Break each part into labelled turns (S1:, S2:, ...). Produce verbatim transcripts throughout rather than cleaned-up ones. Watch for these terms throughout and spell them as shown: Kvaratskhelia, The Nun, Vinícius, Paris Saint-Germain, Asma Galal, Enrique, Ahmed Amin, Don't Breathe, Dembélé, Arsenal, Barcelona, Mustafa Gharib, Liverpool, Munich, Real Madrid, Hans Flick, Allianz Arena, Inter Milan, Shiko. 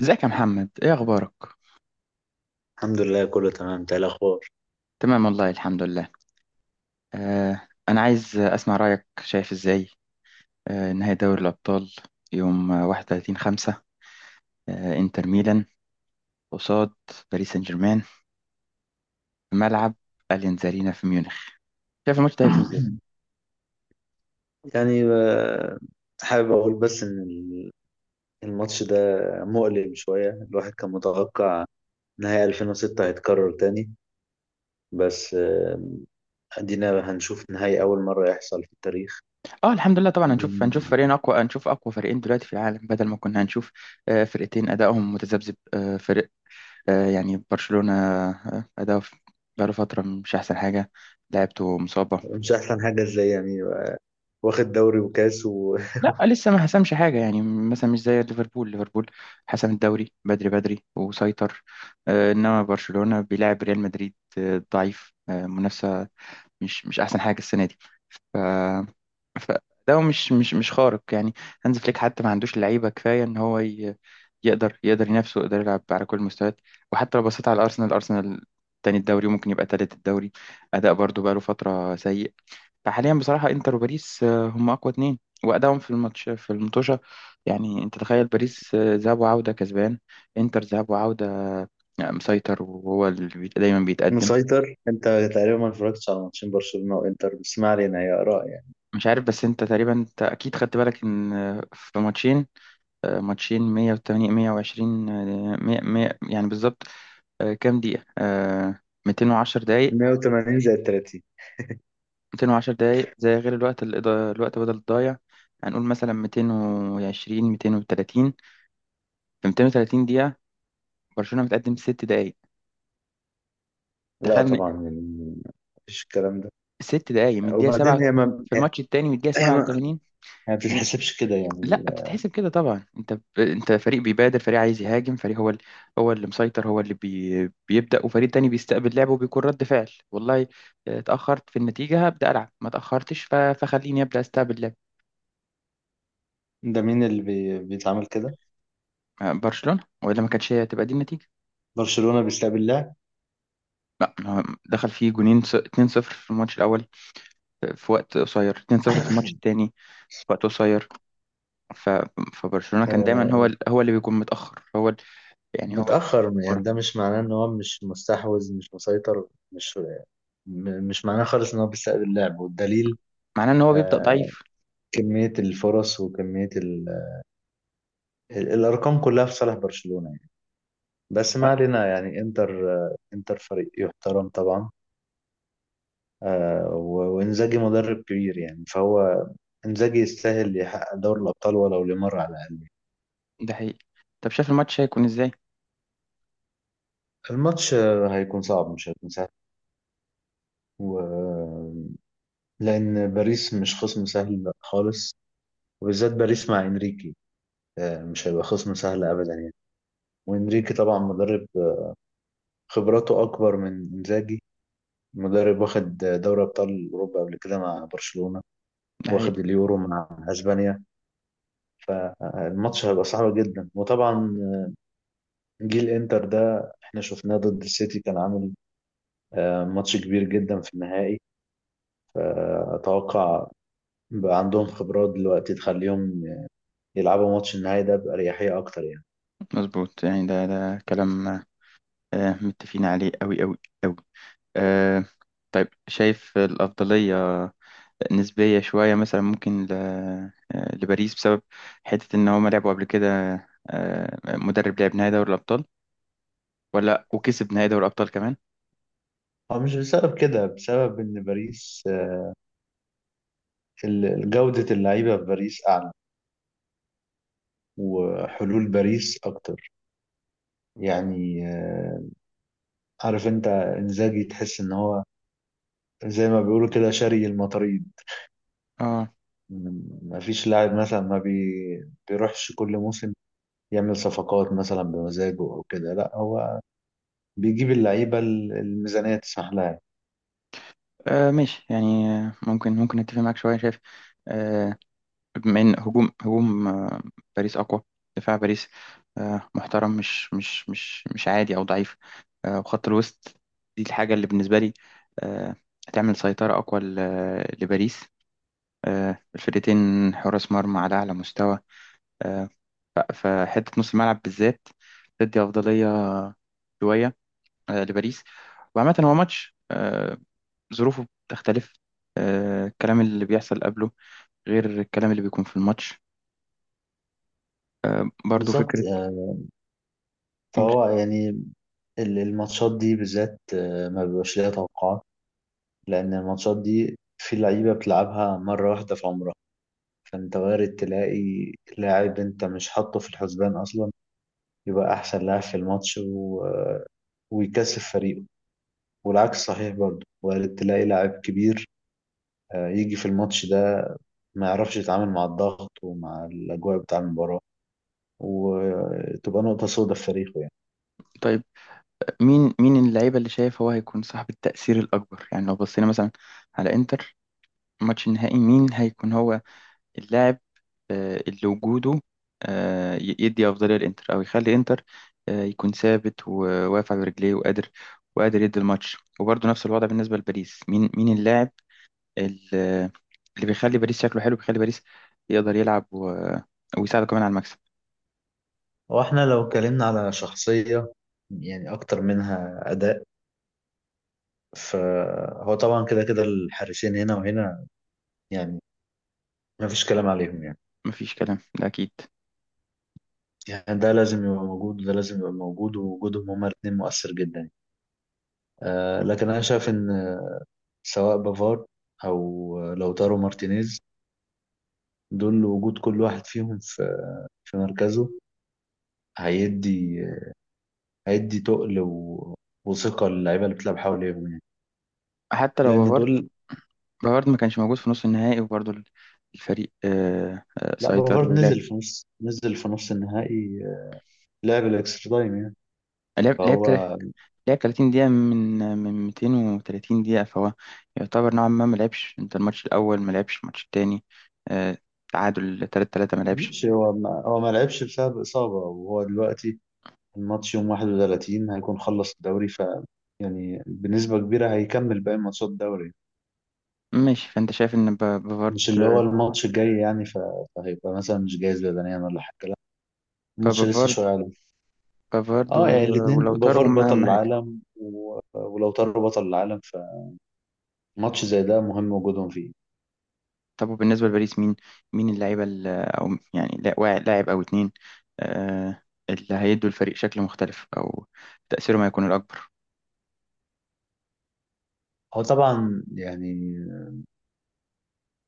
S1: ازيك يا محمد، ايه اخبارك؟
S2: الحمد لله كله تمام. انت ايه الاخبار؟
S1: تمام والله، الحمد لله. آه انا عايز اسمع رايك، شايف ازاي؟ آه نهائي دوري الابطال، يوم واحد وتلاتين خمسة، آه انتر ميلان قصاد باريس سان جيرمان، في ملعب اليانز ارينا في ميونخ. شايف الماتش ده هيكون ازاي؟
S2: يعني آه، حابب اقول بس ان ال- الماتش ده مؤلم شويه. الواحد كان متوقع نهائي ألفين وستة هيتكرر تاني، بس آه، ادينا هنشوف نهائي اول مره يحصل في التاريخ.
S1: اه الحمد لله طبعا. هنشوف هنشوف فريقين اقوى، هنشوف اقوى فريقين دلوقتي في العالم، بدل ما كنا هنشوف آه فرقتين ادائهم متذبذب. آه فرق آه يعني برشلونة، آه اداؤه في- بقاله فترة مش احسن حاجة، لعبته مصاب.
S2: مش احسن حاجه ازاي يعني؟ واخد دوري وكاس
S1: لا، لسه ما حسمش حاجة، يعني مثلا مش زي ليفربول. ليفربول حسم الدوري بدري بدري وسيطر. آه، إنما برشلونة بيلعب ريال مدريد آه، ضعيف، آه، منافسة مش مش أحسن حاجة السنة دي. ف... فده مش مش مش خارق يعني. هانز فليك حتى ما عندوش لعيبة كفاية إن هو ي... يقدر يقدر ينافسه، يقدر يلعب على كل المستويات. وحتى لو بصيت على الأرسنال الأرسنال، تاني الدوري وممكن يبقى تالت الدوري، أداء برضو بقاله فترة سيء. فحاليا بصراحة انتر وباريس آه، هم اقوى اتنين. وادائهم في الماتش في المطوشة، يعني انت تخيل، باريس آه، ذهاب وعودة كسبان، انتر ذهاب وعودة آه، مسيطر، وهو اللي بيت- دايما بيتقدم.
S2: ومسيطر. انت تقريبا ما اتفرجتش على ماتشين برشلونه وانتر، بس ما علينا، هي اراء يعني.
S1: مش عارف، بس انت تقريبا انت اكيد خدت بالك ان آه، في ماتشين. آه، ماتشين مية وتمانين مية وعشرين، آه، مية مية يعني بالظبط. آه، كام دقيقة؟ آه، ميتين وعشرة دقايق.
S2: مية وتمانين زائد تلاتين.
S1: ميتين وعشرة دقايق زي، غير الوقت الإضا- الوقت بدل الضايع، هنقول مثلا ميتين وعشرين ميتين وتلاتين. في ميتين وتلاتين دقيقة، برشلونة متقدم ست دقايق.
S2: لا
S1: تخيل إن
S2: طبعا يعني، مفيش الكلام ده.
S1: ست دقايق من الدقيقة
S2: وبعدين
S1: سبعة،
S2: هي ما
S1: في الماتش التاني من الدقيقة
S2: هي ما
S1: سبعة وتمانين.
S2: ما
S1: من...
S2: بتتحسبش كده يعني.
S1: لا بتتحسب كده طبعا. انت ب... انت فريق بيبادر، فريق عايز يهاجم، فريق هو ال... هو اللي مسيطر، هو اللي بي... بيبدأ، وفريق تاني بيستقبل لعبه وبيكون رد فعل. والله آه، اتأخرت في النتيجة هبدأ ألعب، ما اتأخرتش ف... فخليني أبدأ استقبل لعب.
S2: ده مين اللي بي... بيتعامل كده؟
S1: آه، برشلونة، ولا ما كانتش هي تبقى دي النتيجة.
S2: برشلونة بيستقبل اللاعب؟
S1: لا، ما هو دخل فيه جونين، ص- اتنين صفر في الماتش الأول آه، في وقت قصير، اتنين صفر في الماتش التاني في وقت قصير. ف... فبرشلونة كان دايما هو
S2: آه،
S1: ال... هو اللي بيكون متأخر، هو ال... يعني هو اللي
S2: متأخر
S1: بيكون
S2: يعني
S1: ورا،
S2: ده مش معناه ان هو مش مستحوذ، مش مسيطر، مش م- مش معناه خالص ان هو بيستقبل اللاعب، والدليل
S1: معناه ان هو بيبدأ
S2: آه،
S1: ضعيف.
S2: كمية الفرص وكمية ال... ال- الأرقام كلها في صالح برشلونة يعني. بس ما
S1: أه،
S2: علينا يعني، انتر آه، انتر فريق يحترم طبعا. آه، و- وانزاجي مدرب كبير يعني، فهو انزاجي يستاهل يحقق دوري الأبطال ولو لمرة على الأقل.
S1: ده حقيقي. طب شايف الماتش هيكون ازاي؟
S2: الماتش آه، هيكون صعب، مش هيكون سهل. و... لأن باريس مش خصم سهل خالص، وبالذات باريس مع إنريكي آه، مش هيبقى خصم سهل أبدا يعني. وإنريكي طبعا مدرب آه، خبراته أكبر من إنزاجي. مدرب واخد آه، دوري أبطال أوروبا قبل كده مع برشلونة،
S1: ده
S2: واخد
S1: حقيقي،
S2: اليورو مع أسبانيا. آه، الماتش هيبقى صعب جدا، وطبعا آه، جيل إنتر ده إحنا شفناه ضد السيتي كان عامل آه، ماتش كبير جدا في النهائي، فأتوقع بقى عندهم خبرات دلوقتي تخليهم يلعبوا ماتش النهائي ده بأريحية أكتر يعني.
S1: مظبوط. يعني ده ده كلام آه، متفقين عليه قوي قوي قوي. آه، طيب شايف الأفضلية نسبية شوية مثلا، ممكن ل... آه، لباريس بسبب حتة ان هما لعبوا قبل كده، آه، مدرب لعب نهائي دوري الأبطال ولا وكسب نهائي دوري الأبطال كمان.
S2: هو مش بسبب كده، بسبب إن باريس ال- جودة اللعيبة في باريس أعلى، وحلول باريس أكتر يعني. آه، عارف أنت إنزاجي تحس إن هو زي ما بيقولوا كده شاري المطاريد.
S1: اه.
S2: م- مفيش لاعب مثلا ما بي... بيروحش كل موسم يعمل صفقات مثلا بمزاجه أو كده. لا، هو بيجيب اللعيبة ال- الميزانية تسمح لها يعني.
S1: آه ماشي يعني، آه، ممكن ممكن اتفق معاك شويه. شايف آه، بما ان هجوم هجوم آه، باريس اقوى، دفاع باريس آه محترم، مش مش مش مش عادي او ضعيف، آه وخط الوسط دي الحاجه اللي بالنسبه لي آه هتعمل سيطره اقوى ل- لباريس. آه الفرقتين حراس مرمى على اعلى مستوى، آه فحته نص الملعب بالذات تدي افضليه شويه آه لباريس. وعامه هو ماتش آه ظروفه بتختلف، آه الكلام اللي بيحصل قبله غير الكلام اللي بيكون في الماتش، برضو
S2: بالظبط.
S1: فكرة.
S2: آه،
S1: قول.
S2: فهو يعني ال- الماتشات دي بالذات آه، ما بيبقاش ليها توقعات، لأن الماتشات دي في لعيبة بتلعبها مرة واحدة في عمرها، فأنت وارد تلاقي لاعب أنت مش حاطه في الحسبان أصلا يبقى أحسن لاعب في الماتش و... آه، ويكسب فريقه. والعكس صحيح، برضه وارد تلاقي لاعب كبير آه، يجي في الماتش ده ما يعرفش يتعامل مع الضغط ومع الأجواء بتاع المباراة، وتبقى نقطة سودة في تاريخه يعني.
S1: طيب مين مين اللعيبة اللي شايف هو هيكون صاحب التأثير الأكبر؟ يعني لو بصينا مثلا على إنتر، الماتش النهائي مين هيكون هو اللاعب آه، اللي وجوده آه، ي- يدي أفضلية لإنتر، أو يخلي إنتر آه، يكون ثابت وواقف على رجليه وقادر، وقادر يدي الماتش. وبرضه نفس الوضع بالنسبة لباريس، مين مين اللاعب ال- اللي بيخلي باريس شكله حلو، بيخلي باريس يقدر يلعب و... ويساعده كمان على المكسب.
S2: واحنا لو اتكلمنا على شخصية يعني أكتر منها أداء، فهو طبعا كده كده الحارسين هنا وهنا يعني ما فيش كلام عليهم يعني.
S1: مفيش كلام ده أكيد.
S2: يعني ده لازم يبقى موجود وده لازم يبقى موجود، ووجودهم هما الاثنين مؤثر جدا يعني. آه، لكن انا شايف ان سواء بافارد او لوتارو مارتينيز، دول وجود كل واحد فيهم في في مركزه هيدي هيدي تقل و- وثقة للعيبة اللي بتلعب حواليهم يعني،
S1: حتى لو
S2: لأن
S1: بافارد،
S2: دول.
S1: بافارد ما كانش موجود في نص النهائي، وبرضه ال- الفريق آه، آه،
S2: لا،
S1: سيطر
S2: بافارد
S1: ولعب.
S2: نزل في نص نزل في نص النهائي، آه، لعب الإكسترا تايم يعني،
S1: لعب لعب
S2: فهو
S1: تل- لعب تلاتين دقيقة من من ميتين وتلاتين دقيقة، فهو يعتبر نوعا ما ما لعبش انت الماتش الأول، ما لعبش الماتش التاني آه، تعادل تلاتة تلاتة ما لعبش.
S2: ماشي. هو ما هو ما لعبش بسبب إصابة، وهو دلوقتي الماتش يوم واحد وتلاتين هيكون خلص الدوري، ف يعني بنسبة كبيرة هيكمل باقي ماتشات الدوري،
S1: ماشي، فأنت شايف إن ب- بافارد،
S2: مش اللي هو الماتش الجاي يعني. ف... فهيبقى مثلا مش جاهز بدنيا ولا حاجة. لا، الماتش لسه
S1: فبافارد
S2: شوية عليه.
S1: بافارد
S2: اه يعني
S1: و-
S2: الاتنين،
S1: ولوتارو،
S2: بافار
S1: هم أهم.
S2: بطل العالم و... ولو طاروا بطل العالم، فماتش زي ده مهم وجودهم فيه.
S1: طب وبالنسبة لباريس، مين مين اللعيبة ال- أو يعني لا- وا- لاعب أو اتنين آه، اللي هيدوا الفريق شكل مختلف، أو تأثيره ما يكون الأكبر.
S2: هو طبعا يعني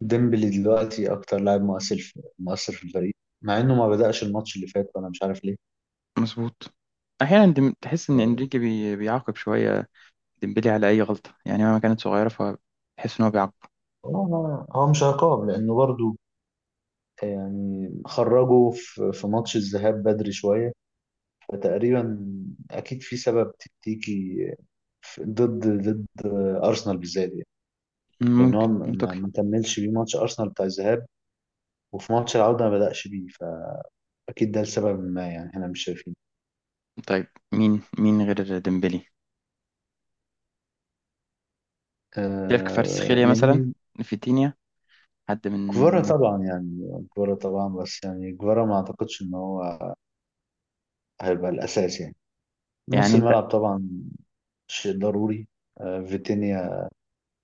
S2: ديمبلي دلوقتي أكتر لاعب مؤثر في... مؤثر في الفريق، مع إنه ما بدأش الماتش اللي فات. وأنا مش عارف
S1: مظبوط. أحيانا دم- تحس إن
S2: ليه.
S1: إنريكي بي- بيعاقب شوية ديمبلي على أي غلطة، يعني مهما كانت صغيرة، فتحس إن هو بيعاقب.
S2: هو هو مش عقاب، لأنه برضو يعني خرجوا في في ماتش الذهاب بدري شوية. فتقريبا أكيد في سبب تكتيكي في- ضد ضد أرسنال بالذات يعني، لأن هو
S1: ممكن
S2: ما
S1: منطقي.
S2: ما كملش بيه ماتش أرسنال بتاع الذهاب، وفي ماتش العودة ما بدأش بيه، فأكيد ده لسبب ما يعني احنا مش شايفين.
S1: طيب مين مين غير ديمبلي؟ شايف
S2: آه
S1: كفاراتسخيليا مثلا،
S2: يعني
S1: فيتينيا، حد
S2: كفارة
S1: من،
S2: طبعا يعني، كفارة طبعا، بس يعني كفارة ما أعتقدش إن هو هيبقى الأساس يعني. نص
S1: يعني أنت،
S2: الملعب طبعا شيء ضروري. آه، فيتينيا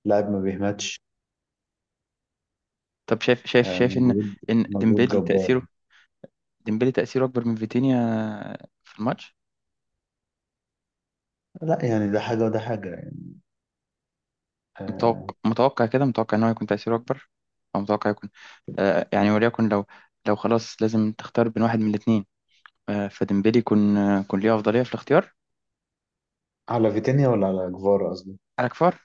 S2: لاعب ما بيهمتش.
S1: طب شايف شايف
S2: آه،
S1: شايف إن،
S2: مجهود
S1: إن
S2: مجهود
S1: ديمبلي
S2: جبار
S1: تأثيره،
S2: يعني.
S1: ديمبلي تأثيره أكبر من فيتينيا في الماتش.
S2: لا يعني ده حاجة وده حاجة يعني. آه،
S1: متوقع متوقع كده، متوقع ان هو يكون تأثيره اكبر، او متوقع يكون آه يعني وليكن لو، لو خلاص لازم تختار بين واحد من الاثنين، آه فديمبلي يكون آه، يكون ليه افضليه في الاختيار
S2: على فيتينيا ولا على جفارا قصدي.
S1: على كفار.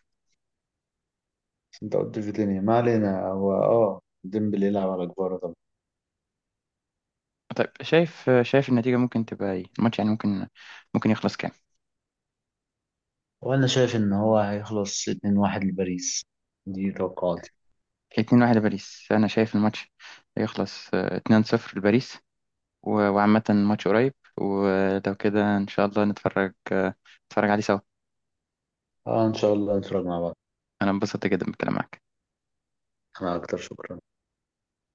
S2: بس انت قلت فيتينيا، ما علينا. هو اه ديمبلي يلعب على جفارا طبعا.
S1: طيب شايف آه، شايف النتيجه ممكن تبقى ايه الماتش؟ يعني ممكن ممكن يخلص كام؟
S2: وانا شايف ان هو هيخلص اثنين واحد لباريس. دي توقعاتي.
S1: اتنين واحد لباريس. انا شايف الماتش يخلص آه، اتنين صفر لباريس. و- وعامه ماتش قريب، ولو كده ان شاء الله نتفرج آه، نتفرج عليه سوا.
S2: اه ان شاء الله نتفرج مع بعض.
S1: انا انبسطت جدا بالكلام معاك.
S2: انا اكتر، شكرا.